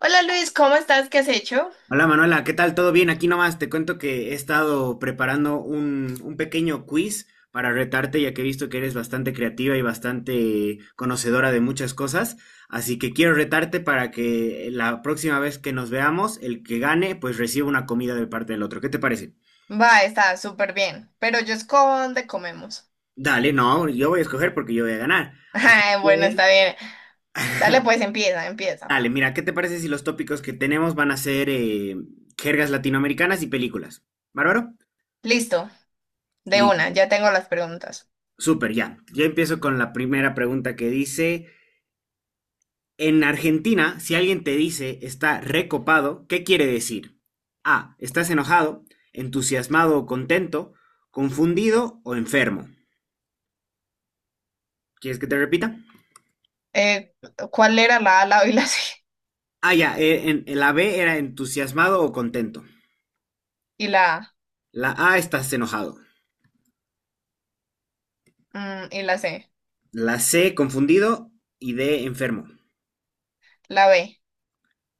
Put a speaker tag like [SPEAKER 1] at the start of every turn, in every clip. [SPEAKER 1] Hola Luis, ¿cómo estás? ¿Qué has hecho?
[SPEAKER 2] Hola Manuela, ¿qué tal? ¿Todo bien? Aquí nomás te cuento que he estado preparando un pequeño quiz para retarte, ya que he visto que eres bastante creativa y bastante conocedora de muchas cosas. Así que quiero retarte para que la próxima vez que nos veamos, el que gane, pues reciba una comida de parte del otro. ¿Qué te parece?
[SPEAKER 1] Va, está súper bien, pero yo escojo dónde comemos.
[SPEAKER 2] Dale, no, yo voy a escoger porque yo voy a ganar. Así
[SPEAKER 1] Ay, bueno,
[SPEAKER 2] que,
[SPEAKER 1] está bien. Dale, pues empieza, empieza.
[SPEAKER 2] dale, mira, ¿qué te parece si los tópicos que tenemos van a ser jergas latinoamericanas y películas? ¿Bárbaro?
[SPEAKER 1] Listo, de una, ya tengo las preguntas.
[SPEAKER 2] Súper, ya. Yo empiezo con la primera pregunta que dice, en Argentina, si alguien te dice está recopado, ¿qué quiere decir? A, estás enojado, entusiasmado o contento, confundido o enfermo. ¿Quieres que te repita?
[SPEAKER 1] Eh, ¿Cuál era la A, la B y la C?
[SPEAKER 2] Ah, ya, en la B era entusiasmado o contento.
[SPEAKER 1] Y la A,
[SPEAKER 2] La A estás enojado.
[SPEAKER 1] y la C.
[SPEAKER 2] La C confundido y D enfermo.
[SPEAKER 1] La B.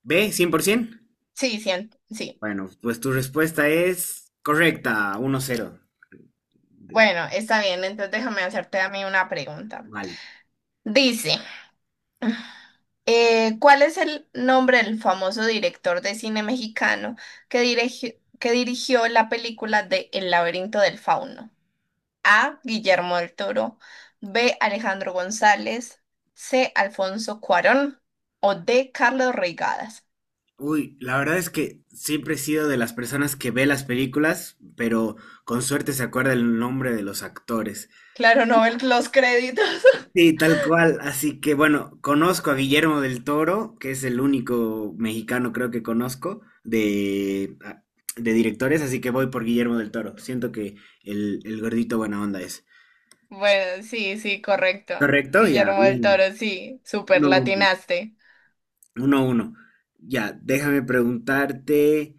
[SPEAKER 2] B 100%.
[SPEAKER 1] Sí, sí, sí.
[SPEAKER 2] Bueno, pues tu respuesta es correcta, 1-0.
[SPEAKER 1] Bueno, está bien, entonces déjame hacerte a mí una pregunta.
[SPEAKER 2] Vale.
[SPEAKER 1] Dice, ¿cuál es el nombre del famoso director de cine mexicano que dirigió la película de El laberinto del fauno? A. Guillermo del Toro, B. Alejandro González, C. Alfonso Cuarón o D. Carlos Reigadas.
[SPEAKER 2] Uy, la verdad es que siempre he sido de las personas que ve las películas, pero con suerte se acuerda el nombre de los actores.
[SPEAKER 1] Claro, no ven los créditos.
[SPEAKER 2] Sí, tal cual. Así que bueno, conozco a Guillermo del Toro, que es el único mexicano creo que conozco de directores, así que voy por Guillermo del Toro. Siento que el gordito buena onda es.
[SPEAKER 1] Bueno, sí, sí, correcto.
[SPEAKER 2] ¿Correcto? Ya,
[SPEAKER 1] Guillermo del Toro,
[SPEAKER 2] bien.
[SPEAKER 1] sí, super
[SPEAKER 2] Uno, uno,
[SPEAKER 1] latinaste.
[SPEAKER 2] uno. Uno. Ya, déjame preguntarte.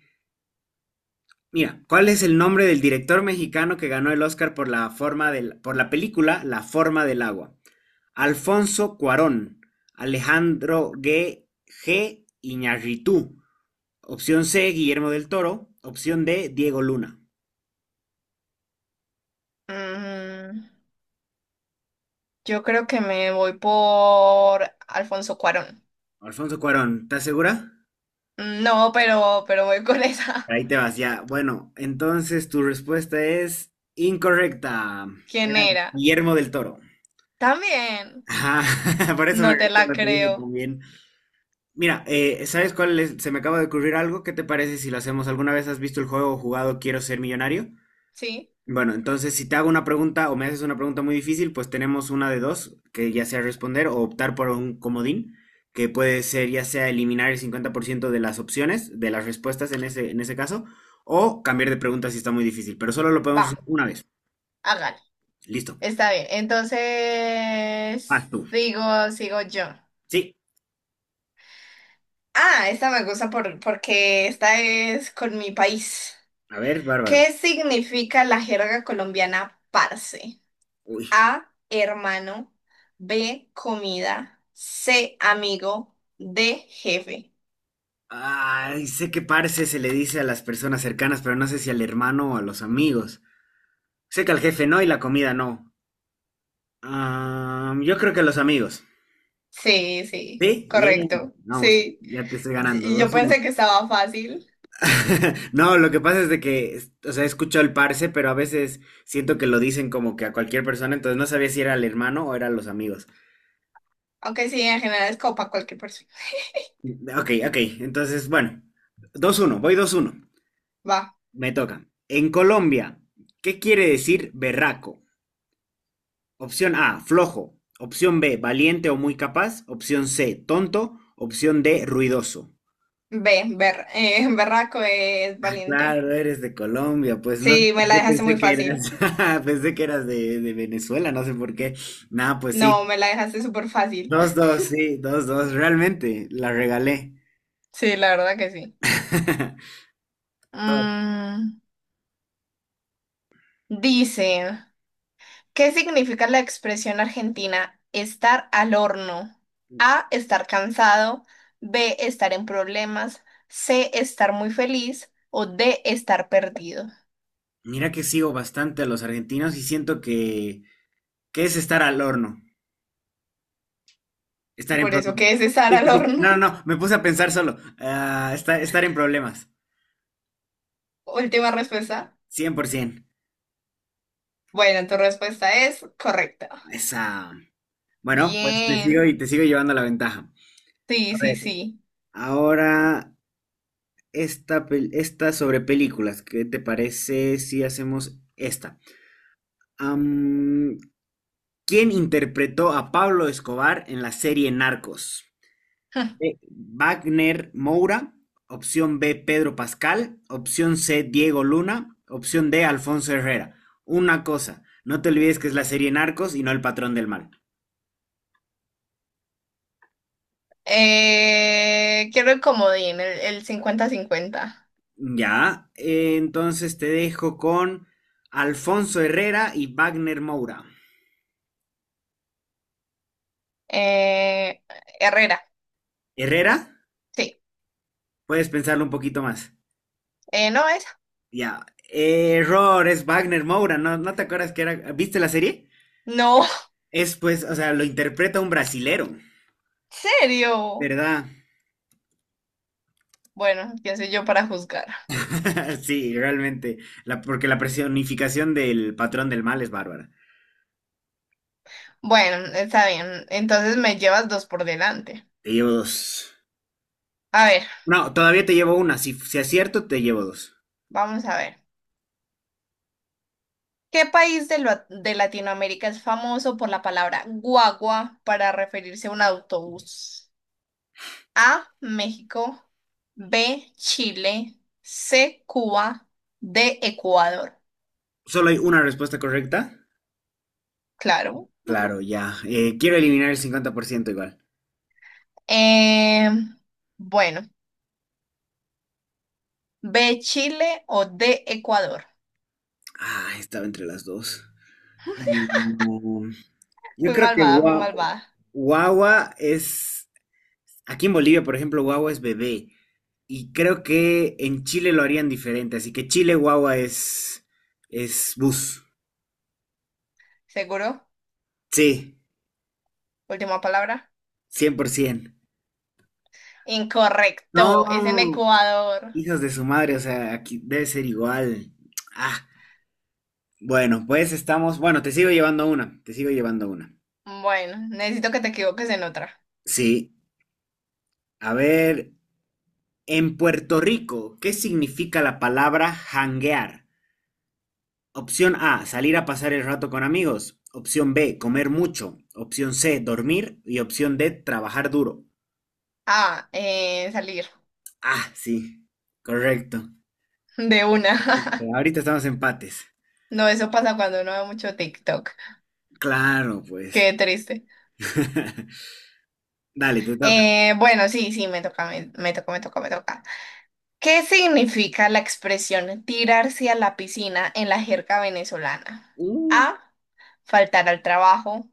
[SPEAKER 2] Mira, ¿cuál es el nombre del director mexicano que ganó el Oscar por la película La forma del agua? Alfonso Cuarón, Alejandro G. Iñárritu. Opción C, Guillermo del Toro. Opción D, Diego Luna.
[SPEAKER 1] Mm, yo creo que me voy por Alfonso Cuarón.
[SPEAKER 2] Alfonso Cuarón, ¿estás segura?
[SPEAKER 1] No, pero voy con esa.
[SPEAKER 2] Ahí te vas, ya. Bueno, entonces tu respuesta es incorrecta.
[SPEAKER 1] ¿Quién
[SPEAKER 2] Era
[SPEAKER 1] era?
[SPEAKER 2] Guillermo del Toro.
[SPEAKER 1] También.
[SPEAKER 2] Ajá, por eso me
[SPEAKER 1] No
[SPEAKER 2] reí
[SPEAKER 1] te la
[SPEAKER 2] cuando te dije
[SPEAKER 1] creo.
[SPEAKER 2] también. Mira, ¿sabes cuál es? Se me acaba de ocurrir algo. ¿Qué te parece si lo hacemos? ¿Alguna vez has visto el juego o jugado Quiero ser millonario?
[SPEAKER 1] ¿Sí?
[SPEAKER 2] Bueno, entonces si te hago una pregunta o me haces una pregunta muy difícil, pues tenemos una de dos, que ya sea responder o optar por un comodín, que puede ser ya sea eliminar el 50% de las opciones, de las respuestas en ese caso, o cambiar de pregunta si está muy difícil, pero solo lo podemos usar
[SPEAKER 1] Va,
[SPEAKER 2] una vez.
[SPEAKER 1] hágale.
[SPEAKER 2] Listo.
[SPEAKER 1] Está bien. Entonces,
[SPEAKER 2] Vas tú.
[SPEAKER 1] digo, sigo yo.
[SPEAKER 2] Sí.
[SPEAKER 1] Ah, esta me gusta porque esta es con mi país.
[SPEAKER 2] A ver, bárbaro.
[SPEAKER 1] ¿Qué significa la jerga colombiana parce?
[SPEAKER 2] Uy.
[SPEAKER 1] A, hermano. B, comida. C, amigo. D, jefe.
[SPEAKER 2] Ay, sé que parce se le dice a las personas cercanas, pero no sé si al hermano o a los amigos. Sé que al jefe no y la comida no. Ah, yo creo que a los amigos.
[SPEAKER 1] Sí, sí,
[SPEAKER 2] ¿Sí? Bien.
[SPEAKER 1] correcto.
[SPEAKER 2] Vamos,
[SPEAKER 1] Sí.
[SPEAKER 2] ya te estoy ganando.
[SPEAKER 1] Y yo
[SPEAKER 2] 2-1.
[SPEAKER 1] pensé que estaba fácil,
[SPEAKER 2] No, lo que pasa es de que, o sea, he escuchado el parce, pero a veces siento que lo dicen como que a cualquier persona, entonces no sabía si era al hermano o eran los amigos.
[SPEAKER 1] aunque sí, en general es copa cualquier persona.
[SPEAKER 2] Ok, ok, entonces, bueno, dos uno. Voy 2-1.
[SPEAKER 1] Va,
[SPEAKER 2] Me toca. En Colombia, ¿qué quiere decir berraco? Opción A, flojo. Opción B, valiente o muy capaz. Opción C, tonto. Opción D, ruidoso.
[SPEAKER 1] ve, berraco es
[SPEAKER 2] Ah,
[SPEAKER 1] valiente.
[SPEAKER 2] claro, eres de Colombia, pues no sé
[SPEAKER 1] Sí, me
[SPEAKER 2] por
[SPEAKER 1] la
[SPEAKER 2] qué
[SPEAKER 1] dejaste
[SPEAKER 2] pensé
[SPEAKER 1] muy
[SPEAKER 2] que
[SPEAKER 1] fácil.
[SPEAKER 2] eras, pensé que eras de Venezuela, no sé por qué. Nada, pues
[SPEAKER 1] No, me la dejaste súper fácil.
[SPEAKER 2] sí, dos, dos, realmente, la regalé.
[SPEAKER 1] Sí, la verdad que sí.
[SPEAKER 2] Todo.
[SPEAKER 1] Mm, Dice, ¿qué significa la expresión argentina estar al horno? A, estar cansado, B, estar en problemas, C, estar muy feliz o D, estar perdido.
[SPEAKER 2] Mira que sigo bastante a los argentinos y siento que es estar al horno, estar en
[SPEAKER 1] Por eso, ¿qué
[SPEAKER 2] problemas.
[SPEAKER 1] es estar
[SPEAKER 2] Sí, sí,
[SPEAKER 1] al
[SPEAKER 2] sí. No, no,
[SPEAKER 1] horno?
[SPEAKER 2] no, me puse a pensar solo, estar en problemas,
[SPEAKER 1] Última respuesta.
[SPEAKER 2] 100%.
[SPEAKER 1] Bueno, tu respuesta es correcta.
[SPEAKER 2] Esa. Bueno, pues te sigo
[SPEAKER 1] Bien.
[SPEAKER 2] y te sigo llevando la ventaja. A
[SPEAKER 1] Sí, sí,
[SPEAKER 2] ver,
[SPEAKER 1] sí.
[SPEAKER 2] ahora esta sobre películas. ¿Qué te parece si hacemos esta? Am, ¿Quién interpretó a Pablo Escobar en la serie Narcos? B. Wagner Moura. Opción B, Pedro Pascal. Opción C, Diego Luna. Opción D, Alfonso Herrera. Una cosa, no te olvides que es la serie Narcos y no El Patrón del Mal.
[SPEAKER 1] Quiero el comodín, el cincuenta 50.
[SPEAKER 2] Ya, entonces te dejo con Alfonso Herrera y Wagner Moura.
[SPEAKER 1] Eh, Herrera,
[SPEAKER 2] ¿Herrera?
[SPEAKER 1] sí.
[SPEAKER 2] Puedes pensarlo un poquito más.
[SPEAKER 1] No, esa.
[SPEAKER 2] Ya. Error, es Wagner Moura, ¿no te acuerdas que era? ¿Viste la serie?
[SPEAKER 1] No, ¿en
[SPEAKER 2] Es pues, o sea, lo interpreta un brasilero,
[SPEAKER 1] serio?
[SPEAKER 2] ¿verdad?
[SPEAKER 1] Bueno, ¿quién soy yo para juzgar?
[SPEAKER 2] Sí, realmente. Porque la personificación del patrón del mal es bárbara.
[SPEAKER 1] Bueno, está bien. Entonces me llevas dos por delante.
[SPEAKER 2] Te llevo dos.
[SPEAKER 1] A ver,
[SPEAKER 2] No, todavía te llevo una. Si acierto, te llevo dos.
[SPEAKER 1] vamos a ver. ¿Qué país de Latinoamérica es famoso por la palabra guagua para referirse a un autobús? A, México, B, Chile, C, Cuba, D, Ecuador.
[SPEAKER 2] Solo hay una respuesta correcta.
[SPEAKER 1] Claro.
[SPEAKER 2] Claro, ya. Quiero eliminar el 50% igual.
[SPEAKER 1] Em, bueno, B, Chile o D, Ecuador.
[SPEAKER 2] Ah, estaba entre las dos. Mm, Yo
[SPEAKER 1] Fui
[SPEAKER 2] creo que
[SPEAKER 1] malvada, fui malvada.
[SPEAKER 2] guagua es. Aquí en Bolivia, por ejemplo, guagua es bebé. Y creo que en Chile lo harían diferente. Así que Chile guagua es bus.
[SPEAKER 1] ¿Seguro?
[SPEAKER 2] Sí,
[SPEAKER 1] Última palabra.
[SPEAKER 2] 100%.
[SPEAKER 1] Incorrecto, es en
[SPEAKER 2] No,
[SPEAKER 1] Ecuador.
[SPEAKER 2] hijos de su madre, o sea, aquí debe ser igual. Ah, bueno, pues estamos. Bueno, te sigo llevando una. Te sigo llevando una.
[SPEAKER 1] Bueno, necesito que te equivoques en otra.
[SPEAKER 2] Sí. A ver, en Puerto Rico, ¿qué significa la palabra janguear? Opción A, salir a pasar el rato con amigos. Opción B, comer mucho. Opción C, dormir. Y opción D, trabajar duro.
[SPEAKER 1] Ah, salir
[SPEAKER 2] Ah, sí, correcto.
[SPEAKER 1] de una.
[SPEAKER 2] Ahorita estamos empates.
[SPEAKER 1] No, eso pasa cuando uno ve mucho TikTok.
[SPEAKER 2] Claro, pues.
[SPEAKER 1] Qué triste.
[SPEAKER 2] Dale, te toca.
[SPEAKER 1] Bueno, sí, sí, me toca, me toca, me toca, me toca. ¿Qué significa la expresión tirarse a la piscina en la jerga venezolana?
[SPEAKER 2] Uh,
[SPEAKER 1] A, faltar al trabajo.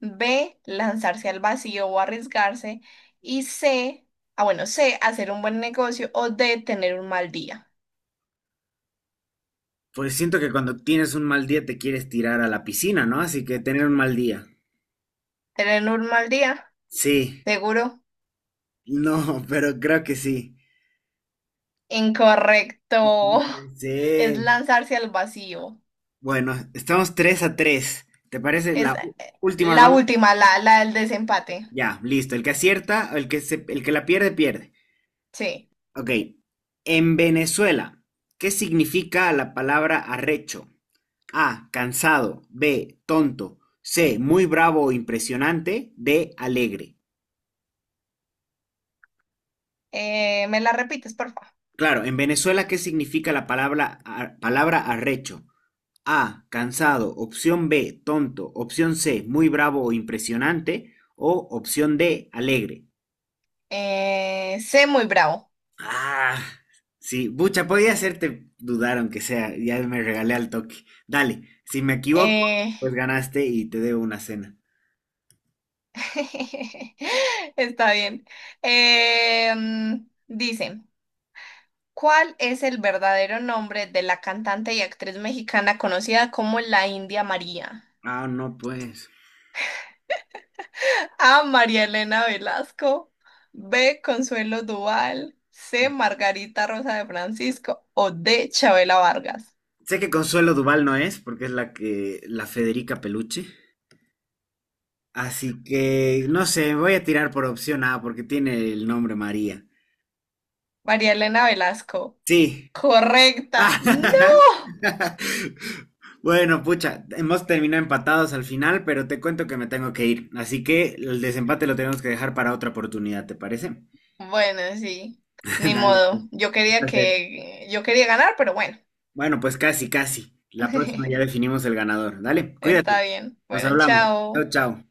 [SPEAKER 1] B, lanzarse al vacío o arriesgarse. Y C, ah, bueno, C, hacer un buen negocio. O D, tener un mal día.
[SPEAKER 2] pues siento que cuando tienes un mal día te quieres tirar a la piscina, ¿no? Así que tener un mal día.
[SPEAKER 1] ¿Tener un mal día?
[SPEAKER 2] Sí,
[SPEAKER 1] Seguro.
[SPEAKER 2] no, pero creo que sí. No
[SPEAKER 1] Incorrecto.
[SPEAKER 2] puede
[SPEAKER 1] Es
[SPEAKER 2] ser.
[SPEAKER 1] lanzarse al vacío.
[SPEAKER 2] Bueno, estamos 3-3. ¿Te parece
[SPEAKER 1] Es
[SPEAKER 2] la última
[SPEAKER 1] la
[SPEAKER 2] ronda?
[SPEAKER 1] última, la del desempate.
[SPEAKER 2] Ya, listo. El que acierta, el que la pierde, pierde.
[SPEAKER 1] Sí.
[SPEAKER 2] Ok. En Venezuela, ¿qué significa la palabra arrecho? A, cansado. B, tonto. C, muy bravo o impresionante. D, alegre.
[SPEAKER 1] ¿Me la repites, por favor?
[SPEAKER 2] Claro, en Venezuela, ¿qué significa la palabra arrecho? A, cansado. Opción B, tonto. Opción C, muy bravo o impresionante. O opción D, alegre.
[SPEAKER 1] Sé muy bravo.
[SPEAKER 2] Ah, sí, bucha, podía hacerte dudar, aunque sea, ya me regalé al toque. Dale, si me equivoco,
[SPEAKER 1] Eh,
[SPEAKER 2] pues ganaste y te debo una cena.
[SPEAKER 1] está bien. Dice, ¿cuál es el verdadero nombre de la cantante y actriz mexicana conocida como la India María?
[SPEAKER 2] Ah, no, pues.
[SPEAKER 1] A. María Elena Velasco. B. Consuelo Duval. C. Margarita Rosa de Francisco. O D. Chabela Vargas.
[SPEAKER 2] Sé que Consuelo Duval no es, porque es la que, la Federica Peluche. Así que, no sé, voy a tirar por opción A, porque tiene el nombre María.
[SPEAKER 1] María Elena Velasco.
[SPEAKER 2] Sí,
[SPEAKER 1] Correcta. ¡No!
[SPEAKER 2] ah, bueno, pucha, hemos terminado empatados al final, pero te cuento que me tengo que ir. Así que el desempate lo tenemos que dejar para otra oportunidad, ¿te parece?
[SPEAKER 1] Bueno, sí, ni
[SPEAKER 2] Dale, pues,
[SPEAKER 1] modo. Yo
[SPEAKER 2] un
[SPEAKER 1] quería
[SPEAKER 2] placer.
[SPEAKER 1] yo quería ganar, pero bueno,
[SPEAKER 2] Bueno, pues casi, casi. La próxima ya definimos el ganador. Dale, cuídate.
[SPEAKER 1] está bien.
[SPEAKER 2] Nos
[SPEAKER 1] Bueno,
[SPEAKER 2] hablamos.
[SPEAKER 1] chao.
[SPEAKER 2] Chao, chao.